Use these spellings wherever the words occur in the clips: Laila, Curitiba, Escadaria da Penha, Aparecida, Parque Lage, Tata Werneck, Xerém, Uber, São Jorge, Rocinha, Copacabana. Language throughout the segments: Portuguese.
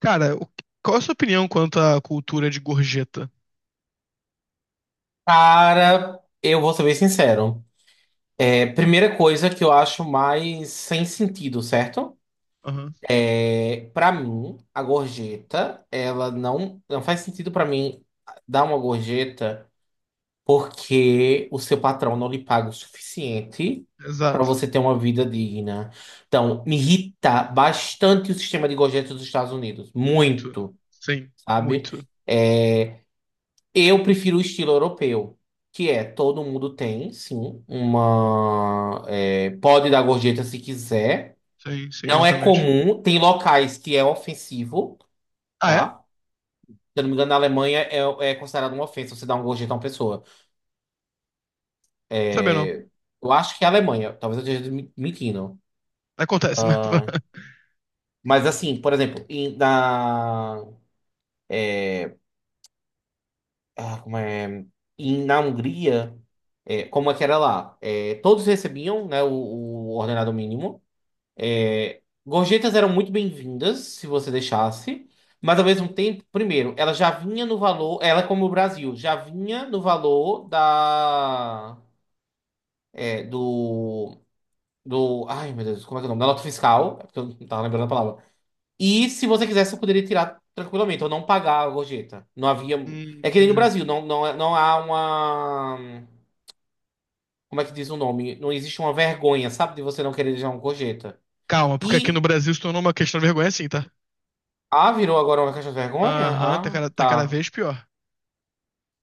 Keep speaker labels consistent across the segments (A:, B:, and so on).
A: Cara, qual é a sua opinião quanto à cultura de gorjeta?
B: Cara, eu vou ser bem sincero. Primeira coisa que eu acho mais sem sentido, certo?
A: Aham,
B: Para mim, a gorjeta, ela não faz sentido pra mim dar uma gorjeta porque o seu patrão não lhe paga o suficiente pra
A: exato.
B: você ter uma vida digna. Então, me irrita bastante o sistema de gorjetas dos Estados Unidos,
A: Muito.
B: muito,
A: Sim,
B: sabe?
A: muito.
B: É, Eu prefiro o estilo europeu, que é todo mundo tem, sim, uma. Pode dar gorjeta se quiser.
A: Sim, sim,
B: Não é
A: exatamente.
B: comum, tem locais que é ofensivo,
A: Ah, é?
B: tá? Se eu não me engano, na Alemanha é considerado uma ofensa você dar uma gorjeta a uma pessoa.
A: Sabia não.
B: É, Eu acho que é a Alemanha, talvez eu esteja mentindo.
A: Acontece, né?
B: Ah, mas assim, por exemplo, em- na. Ah, como é? Na Hungria, como é que era lá? Todos recebiam, né, o ordenado mínimo. Gorjetas eram muito bem-vindas, se você deixasse, mas ao mesmo tempo, primeiro, ela já vinha no valor, ela é como o Brasil, já vinha no valor da, é, do, do, ai meu Deus, como é que é o nome? Da nota fiscal, é porque eu não tava lembrando a palavra. E se você quisesse, você poderia tirar tranquilamente, ou não pagar a gorjeta. Não havia, é que nem no
A: Entendi.
B: Brasil, não, não há uma, como é que diz o nome? Não existe uma vergonha, sabe, de você não querer deixar uma gorjeta.
A: Calma, porque aqui no
B: E
A: Brasil se tornou uma questão de vergonha assim, tá?
B: Ah, virou agora uma caixa de vergonha?
A: Aham, tá
B: Ah,
A: cada, tá cada
B: tá.
A: vez pior.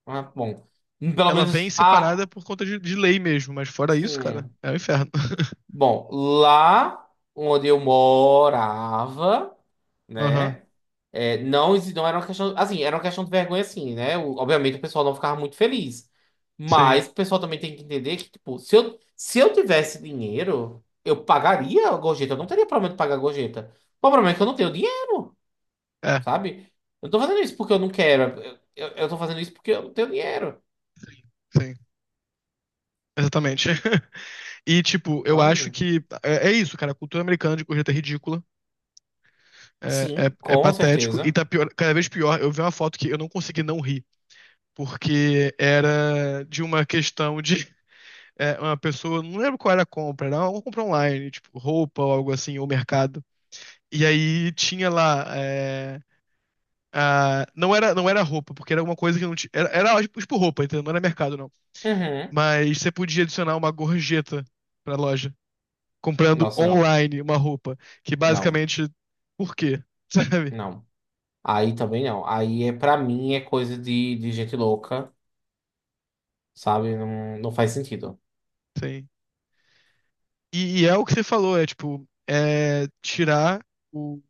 B: Ah, bom. Pelo
A: Ela vem
B: menos,
A: separada por conta de lei mesmo, mas fora isso, cara,
B: sim.
A: é o inferno.
B: Bom, lá onde eu morava,
A: Aham,
B: né? Não era uma questão. Assim, era uma questão de vergonha, assim, né? Obviamente o pessoal não ficava muito feliz.
A: sim.
B: Mas o pessoal também tem que entender que, tipo, se eu tivesse dinheiro, eu pagaria a gorjeta. Eu não teria problema de pagar a gorjeta. O problema é que eu não tenho dinheiro.
A: É,
B: Sabe? Eu não tô fazendo isso porque eu não quero. Eu tô fazendo isso porque eu não tenho dinheiro.
A: sim. Exatamente. E, tipo, eu acho
B: Sabe?
A: que é isso, cara. A cultura americana de gorjeta é ridícula. É, é,
B: Sim,
A: é
B: com
A: patético e
B: certeza.
A: tá pior, cada vez pior. Eu vi uma foto que eu não consegui não rir, porque era de uma questão de uma pessoa, não lembro qual era a compra, era uma compra online, tipo roupa ou algo assim, ou mercado. E aí tinha lá, não era, roupa, porque era uma coisa que não tinha, era tipo roupa, entendeu? Não era mercado não.
B: Uhum.
A: Mas você podia adicionar uma gorjeta pra loja, comprando
B: Nossa, não.
A: online uma roupa, que
B: Não,
A: basicamente, por quê? Sabe?
B: não. Aí também não. Aí é pra mim é coisa de, gente louca, sabe? Não, não faz sentido.
A: Sim. E é o que você falou, é tipo, é tirar o,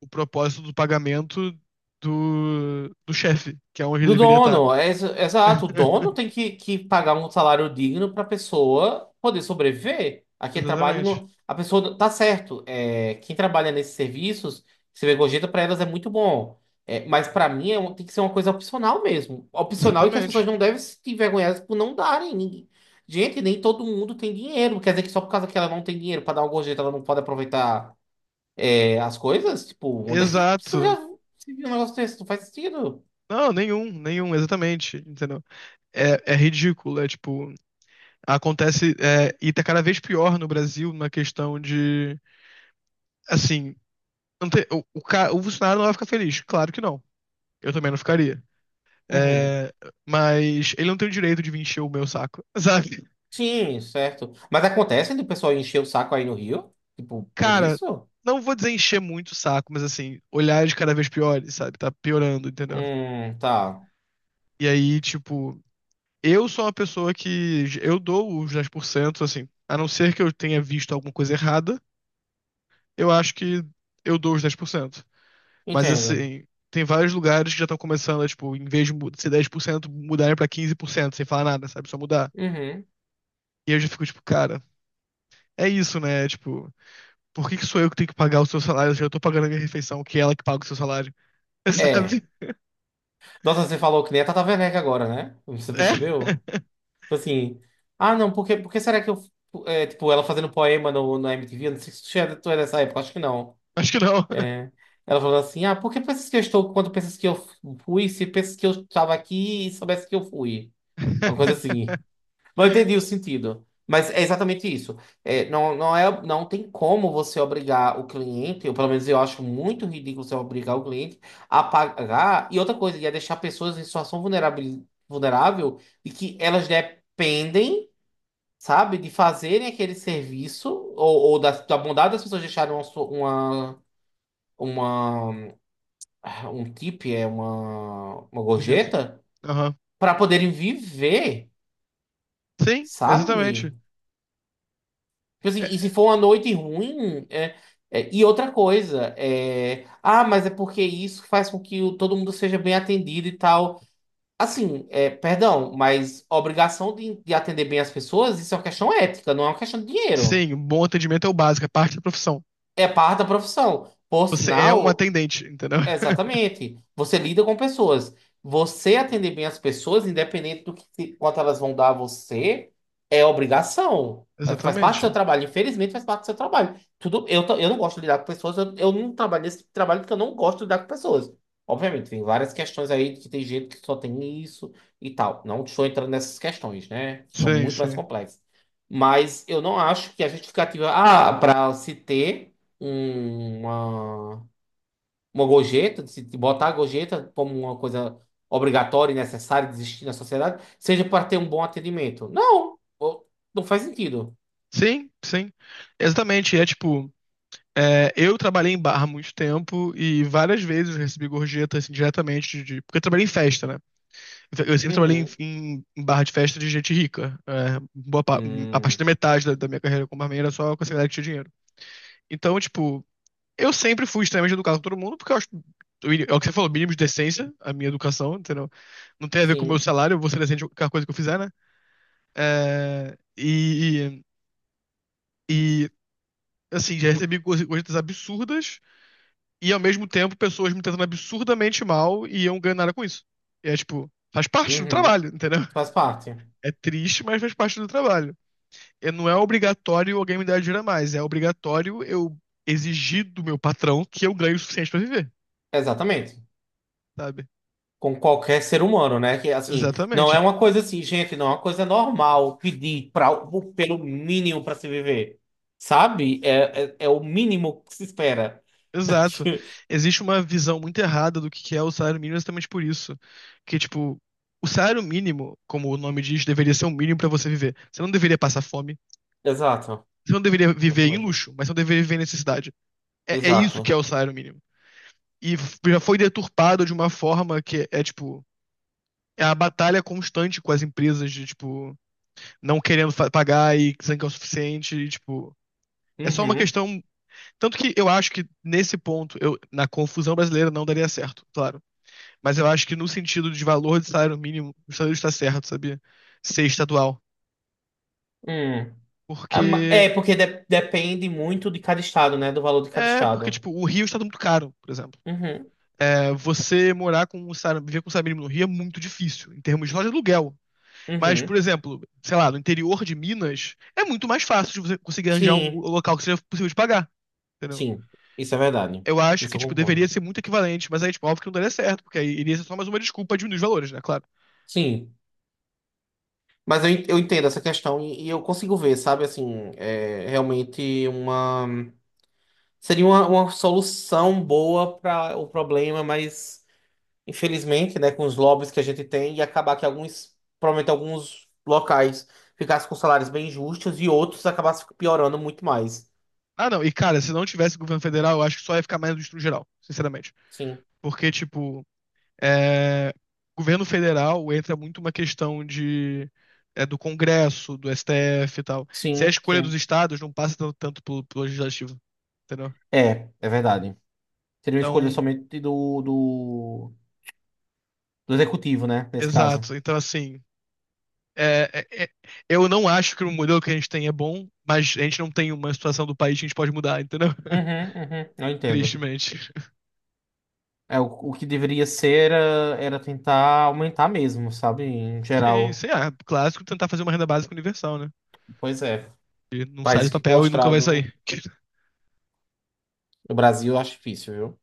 A: o propósito do pagamento do chefe, que é onde ele
B: Do
A: deveria estar.
B: dono, é exato. O dono tem que pagar um salário digno para a pessoa poder sobreviver. Aqui é trabalho
A: Exatamente.
B: no. A pessoa tá certo. Quem trabalha nesses serviços, você vê gorjeta para elas é muito bom. Mas para mim tem que ser uma coisa opcional mesmo. Opcional e que as pessoas
A: Exatamente.
B: não devem se envergonhar por não darem. Ninguém- Gente, nem todo mundo tem dinheiro. Quer dizer que só por causa que ela não tem dinheiro para dar uma gorjeta, ela não pode aproveitar as coisas? Tipo, onde é que isso
A: Exato.
B: já se viu um negócio desse? Não faz sentido.
A: Não, nenhum, nenhum, exatamente, entendeu? É ridículo, é tipo, acontece, e tá cada vez pior no Brasil na questão de, assim, não tem- o, ca- o funcionário não vai ficar feliz, claro que não, eu também não ficaria.
B: Uhum.
A: É, mas ele não tem o direito de vir encher o meu saco, sabe?
B: Sim, certo. Mas acontece do pessoal encher o saco aí no Rio? Tipo, por
A: Cara,
B: isso?
A: não vou dizer encher muito o saco, mas assim, olhares cada vez piores, sabe? Tá piorando, entendeu?
B: Tá.
A: E aí, tipo, eu sou uma pessoa que eu dou os 10%, assim, a não ser que eu tenha visto alguma coisa errada, eu acho que eu dou os 10%. Mas
B: Entendo.
A: assim, tem vários lugares que já estão começando a, tipo, em vez de ser 10%, mudarem pra 15%, sem falar nada, sabe? Só mudar.
B: Uhum.
A: E eu já fico, tipo, cara, é isso, né? Tipo, por que que sou eu que tenho que pagar o seu salário? Eu já tô pagando a minha refeição, que é ela que paga o seu salário,
B: É.
A: sabe?
B: Nossa, você falou que nem a Tata Werneck agora, né? Você
A: É.
B: percebeu? Tipo assim. Ah, não, porque, porque será que eu. É, tipo, ela fazendo poema na MTV? Eu não sei se tu é dessa época, acho que não.
A: Acho que não.
B: É. Ela falou assim: Ah, por que pensas que eu estou quando pensas que eu fui? Se pensas que eu estava aqui e soubesse que eu fui. É uma coisa assim. Não entendi o sentido. Mas é exatamente isso. Não, não é, não tem como você obrigar o cliente, ou pelo menos eu acho muito ridículo você obrigar o cliente a pagar. E outra coisa, ia deixar pessoas em situação vulnerável, vulnerável e que elas dependem, sabe, de fazerem aquele serviço ou da, bondade das pessoas deixarem uma, su- uma- um tip, é uma
A: Nojento.
B: gorjeta,
A: Aham.
B: para poderem viver,
A: Sim,
B: sabe?
A: exatamente.
B: Tipo assim, e
A: É,
B: se for uma noite ruim, e outra coisa, mas é porque isso faz com que todo mundo seja bem atendido e tal. Assim, é, perdão, mas a obrigação de atender bem as pessoas, isso é uma questão ética, não é uma questão de dinheiro.
A: sim, um bom atendimento é o básico, é parte da profissão.
B: É parte da profissão. Por
A: Você é um
B: sinal,
A: atendente, entendeu?
B: exatamente. Você lida com pessoas. Você atender bem as pessoas, independente do que quanto elas vão dar a você, é obrigação. Faz parte do seu
A: Exatamente.
B: trabalho. Infelizmente, faz parte do seu trabalho. Tudo, eu não gosto de lidar com pessoas. Eu não trabalho nesse tipo de trabalho porque eu não gosto de lidar com pessoas. Obviamente, tem várias questões aí que tem gente que só tem isso e tal. Não estou entrando nessas questões, né? São
A: Sim,
B: muito mais
A: sim.
B: complexas. Mas eu não acho que a justificativa, para se ter um, uma uma gorjeta, de se botar a gorjeta como uma coisa obrigatória e necessária de existir na sociedade, seja para ter um bom atendimento. Não, não faz sentido.
A: Sim, sim. Exatamente. É tipo, eu trabalhei em bar há muito tempo e várias vezes eu recebi gorjeta assim, diretamente porque eu trabalhei em festa, né? Eu sempre trabalhei em,
B: Uhum.
A: em- em barra de festa de gente rica. A partir
B: Hum,
A: da metade da minha carreira como barman era só com essa galera que tinha dinheiro. Então, tipo, eu sempre fui extremamente educado com todo mundo, porque eu acho. É o que você falou, mínimo de decência, a minha educação, entendeu? Não tem a ver com o meu
B: sim.
A: salário, eu vou ser decente com qualquer coisa que eu fizer, né? É, e, e, e, assim, já recebi coisas absurdas e, ao mesmo tempo, pessoas me tratando absurdamente mal e eu não ganho nada com isso. E é tipo, faz parte do
B: Uhum.
A: trabalho, entendeu?
B: Faz parte.
A: É triste, mas faz parte do trabalho. E não é obrigatório alguém me dar dinheiro a mais, é obrigatório eu exigir do meu patrão que eu ganhe o suficiente pra viver,
B: Exatamente.
A: sabe?
B: Com qualquer ser humano, né? Que assim, não é
A: Exatamente.
B: uma coisa assim, gente, não é uma coisa normal pedir pelo mínimo para se viver. Sabe? É o mínimo que se espera.
A: Exato. Existe uma visão muito errada do que é o salário mínimo exatamente por isso. Que, tipo, o salário mínimo, como o nome diz, deveria ser o mínimo pra você viver. Você não deveria passar fome,
B: Exato.
A: você não deveria viver em
B: Exatamente.
A: luxo, mas você não deveria viver em necessidade. É, é isso que é
B: Exato.
A: o salário mínimo. E já foi deturpado de uma forma que é, tipo, é a batalha constante com as empresas de, tipo, não querendo pagar e dizendo que é o suficiente, e, tipo. É só uma
B: Uhum.
A: questão. Tanto que eu acho que nesse ponto, eu, na confusão brasileira, não daria certo, claro. Mas eu acho que no sentido de valor de salário mínimo, o Estados está certo, sabia? Ser estadual.
B: Hum.
A: Porque.
B: Porque depende muito de cada estado, né? Do valor de cada
A: É, porque,
B: estado.
A: tipo, o Rio está muito caro, por exemplo.
B: Uhum,
A: É, você morar com um salário, viver com um salário mínimo no Rio é muito difícil, em termos de loja de aluguel. Mas, por
B: uhum.
A: exemplo, sei lá, no interior de Minas, é muito mais fácil de você conseguir arranjar um
B: Sim,
A: local que seja possível de pagar, entendeu?
B: sim. Isso é verdade.
A: Eu acho que,
B: Isso eu
A: tipo, deveria
B: concordo.
A: ser muito equivalente, mas aí, tipo, óbvio que não daria certo, porque aí iria ser só mais uma desculpa de diminuir os valores, né? Claro.
B: Sim. Mas eu, eu entendo essa questão e eu consigo ver, sabe? Assim, é realmente uma. Seria uma solução boa para o problema, mas infelizmente, né, com os lobbies que a gente tem, ia acabar que alguns, provavelmente alguns locais ficassem com salários bem justos e outros acabassem piorando muito mais.
A: Ah, não, e cara, se não tivesse governo federal, eu acho que só ia ficar mais justo no geral, sinceramente.
B: Sim.
A: Porque, tipo, é, governo federal entra muito uma questão de do Congresso, do STF e tal. Se é a
B: Sim,
A: escolha dos
B: sim.
A: estados, não passa tanto pelo, pelo legislativo, entendeu?
B: É, é verdade. Seria uma escolha
A: Então,
B: somente do, do executivo, né? Nesse caso.
A: exato. Então, assim, é, é, é- eu não acho que o modelo que a gente tem é bom, mas a gente não tem uma situação do país que a gente pode mudar, entendeu?
B: Uhum, uhum, eu entendo.
A: Tristemente.
B: É, o, o que deveria ser era tentar aumentar mesmo, sabe? Em
A: Sim,
B: geral.
A: sei lá, clássico tentar fazer uma renda básica universal, né?
B: Pois é.
A: Que não sai do
B: País que
A: papel e nunca vai
B: mostrado
A: sair.
B: no Brasil eu acho difícil, viu?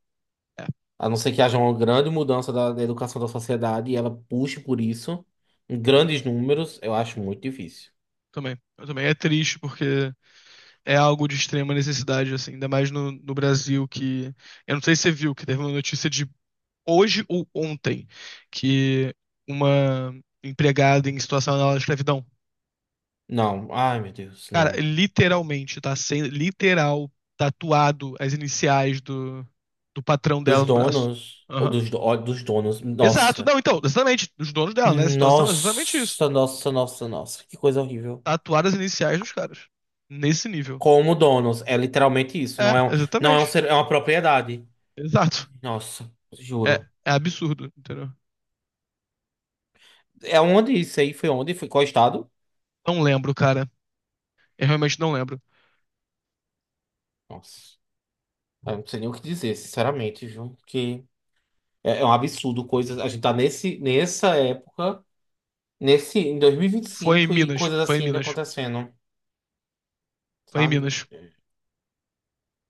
A: É,
B: A não ser que haja uma grande mudança da educação da sociedade e ela puxe por isso, em grandes números, eu acho muito difícil.
A: também. Eu também é triste porque é algo de extrema necessidade, assim, ainda mais no, no Brasil, que. Eu não sei se você viu, que teve uma notícia de hoje ou ontem, que uma empregada em situação análoga de escravidão,
B: Não, ai meu Deus,
A: cara,
B: não.
A: literalmente, tá sendo, literal, tatuado as iniciais do, do patrão
B: Dos
A: dela no braço.
B: donos, ou
A: Aham.
B: dos, do- ó, dos donos,
A: Exato,
B: nossa.
A: não, então, exatamente, os donos dela, nessa situação é exatamente isso.
B: Nossa, nossa, nossa, nossa. Que coisa horrível.
A: Tatuar as iniciais dos caras. Nesse nível.
B: Como donos, é literalmente isso.
A: É,
B: Não é um, não é um
A: exatamente.
B: ser, é uma propriedade.
A: Exato.
B: Nossa,
A: É,
B: juro.
A: é absurdo, entendeu?
B: É onde isso aí? Foi onde? Foi qual estado?
A: Não lembro, cara. Eu realmente não lembro.
B: Nossa, eu não sei nem o que dizer, sinceramente, viu? Que é, é um absurdo coisas. A gente tá nesse, nessa época, em dois mil e vinte e
A: Foi em
B: cinco e
A: Minas,
B: coisas
A: foi em
B: assim ainda
A: Minas,
B: acontecendo,
A: foi em
B: sabe?
A: Minas.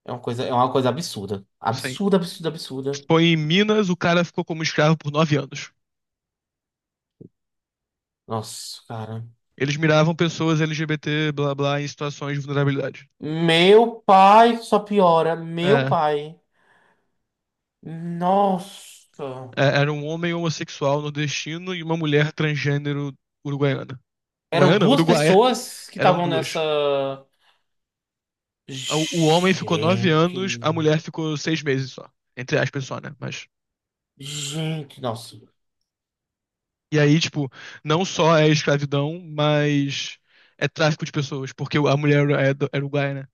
B: É uma coisa absurda.
A: Sim.
B: Absurda, absurda, absurda.
A: Foi em Minas, o cara ficou como escravo por 9 anos.
B: Nossa, cara.
A: Eles miravam pessoas LGBT, blá blá, em situações de vulnerabilidade.
B: Meu pai, só piora. Meu
A: É,
B: pai. Nossa.
A: era um homem homossexual nordestino e uma mulher transgênero uruguaiana.
B: Eram
A: Uruguaiana?
B: duas
A: Uruguaia.
B: pessoas que
A: Eram
B: estavam nessa.
A: duas. O homem ficou nove
B: Gente.
A: anos, a mulher ficou 6 meses só. Entre aspas só, né? Mas.
B: Gente, nossa.
A: E aí, tipo, não só é escravidão, mas é tráfico de pessoas, porque a mulher é uruguaia, né?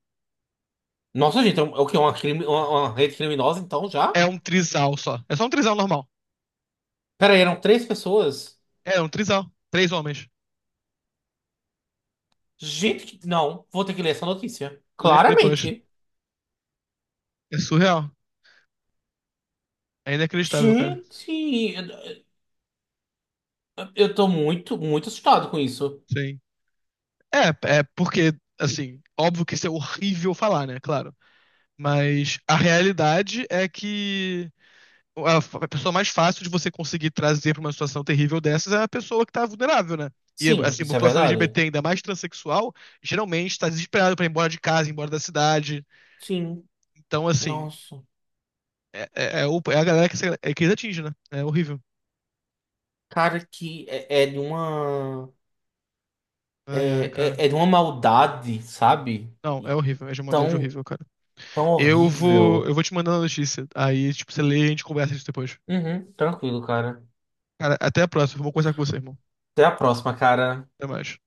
B: Nossa, gente, é um- é o que? Uma, crime, uma rede criminosa, então, já?
A: É um trisal só. É só um trisal normal.
B: Pera aí, eram três pessoas?
A: É um trisal. Três homens.
B: Gente, que- não. Vou ter que ler essa notícia.
A: Lê depois.
B: Claramente.
A: É surreal. É inacreditável, cara.
B: Gente, eu tô muito, muito assustado com isso.
A: Sim. Porque, assim, óbvio que isso é horrível falar, né? Claro. Mas a realidade é que a pessoa mais fácil de você conseguir trazer para uma situação terrível dessas é a pessoa que está vulnerável, né? E
B: Sim,
A: assim, a
B: isso é
A: população
B: verdade.
A: LGBT, ainda mais transexual, geralmente está desesperada para ir embora de casa, ir embora da cidade.
B: Sim.
A: Então, assim,
B: Nossa.
A: é a galera que é que eles atingem, né? É horrível.
B: Cara, que é, é de uma.
A: Ai, ai, cara.
B: É, é de uma maldade, sabe?
A: Não, é
B: E
A: horrível. É de maldade
B: tão,
A: horrível, cara.
B: tão
A: Eu
B: horrível.
A: vou te mandando a notícia. Aí, tipo, você lê e a gente conversa isso depois.
B: Uhum, tranquilo, cara.
A: Cara, até a próxima. Vou conversar com você, irmão.
B: Até a próxima, cara.
A: Até mais.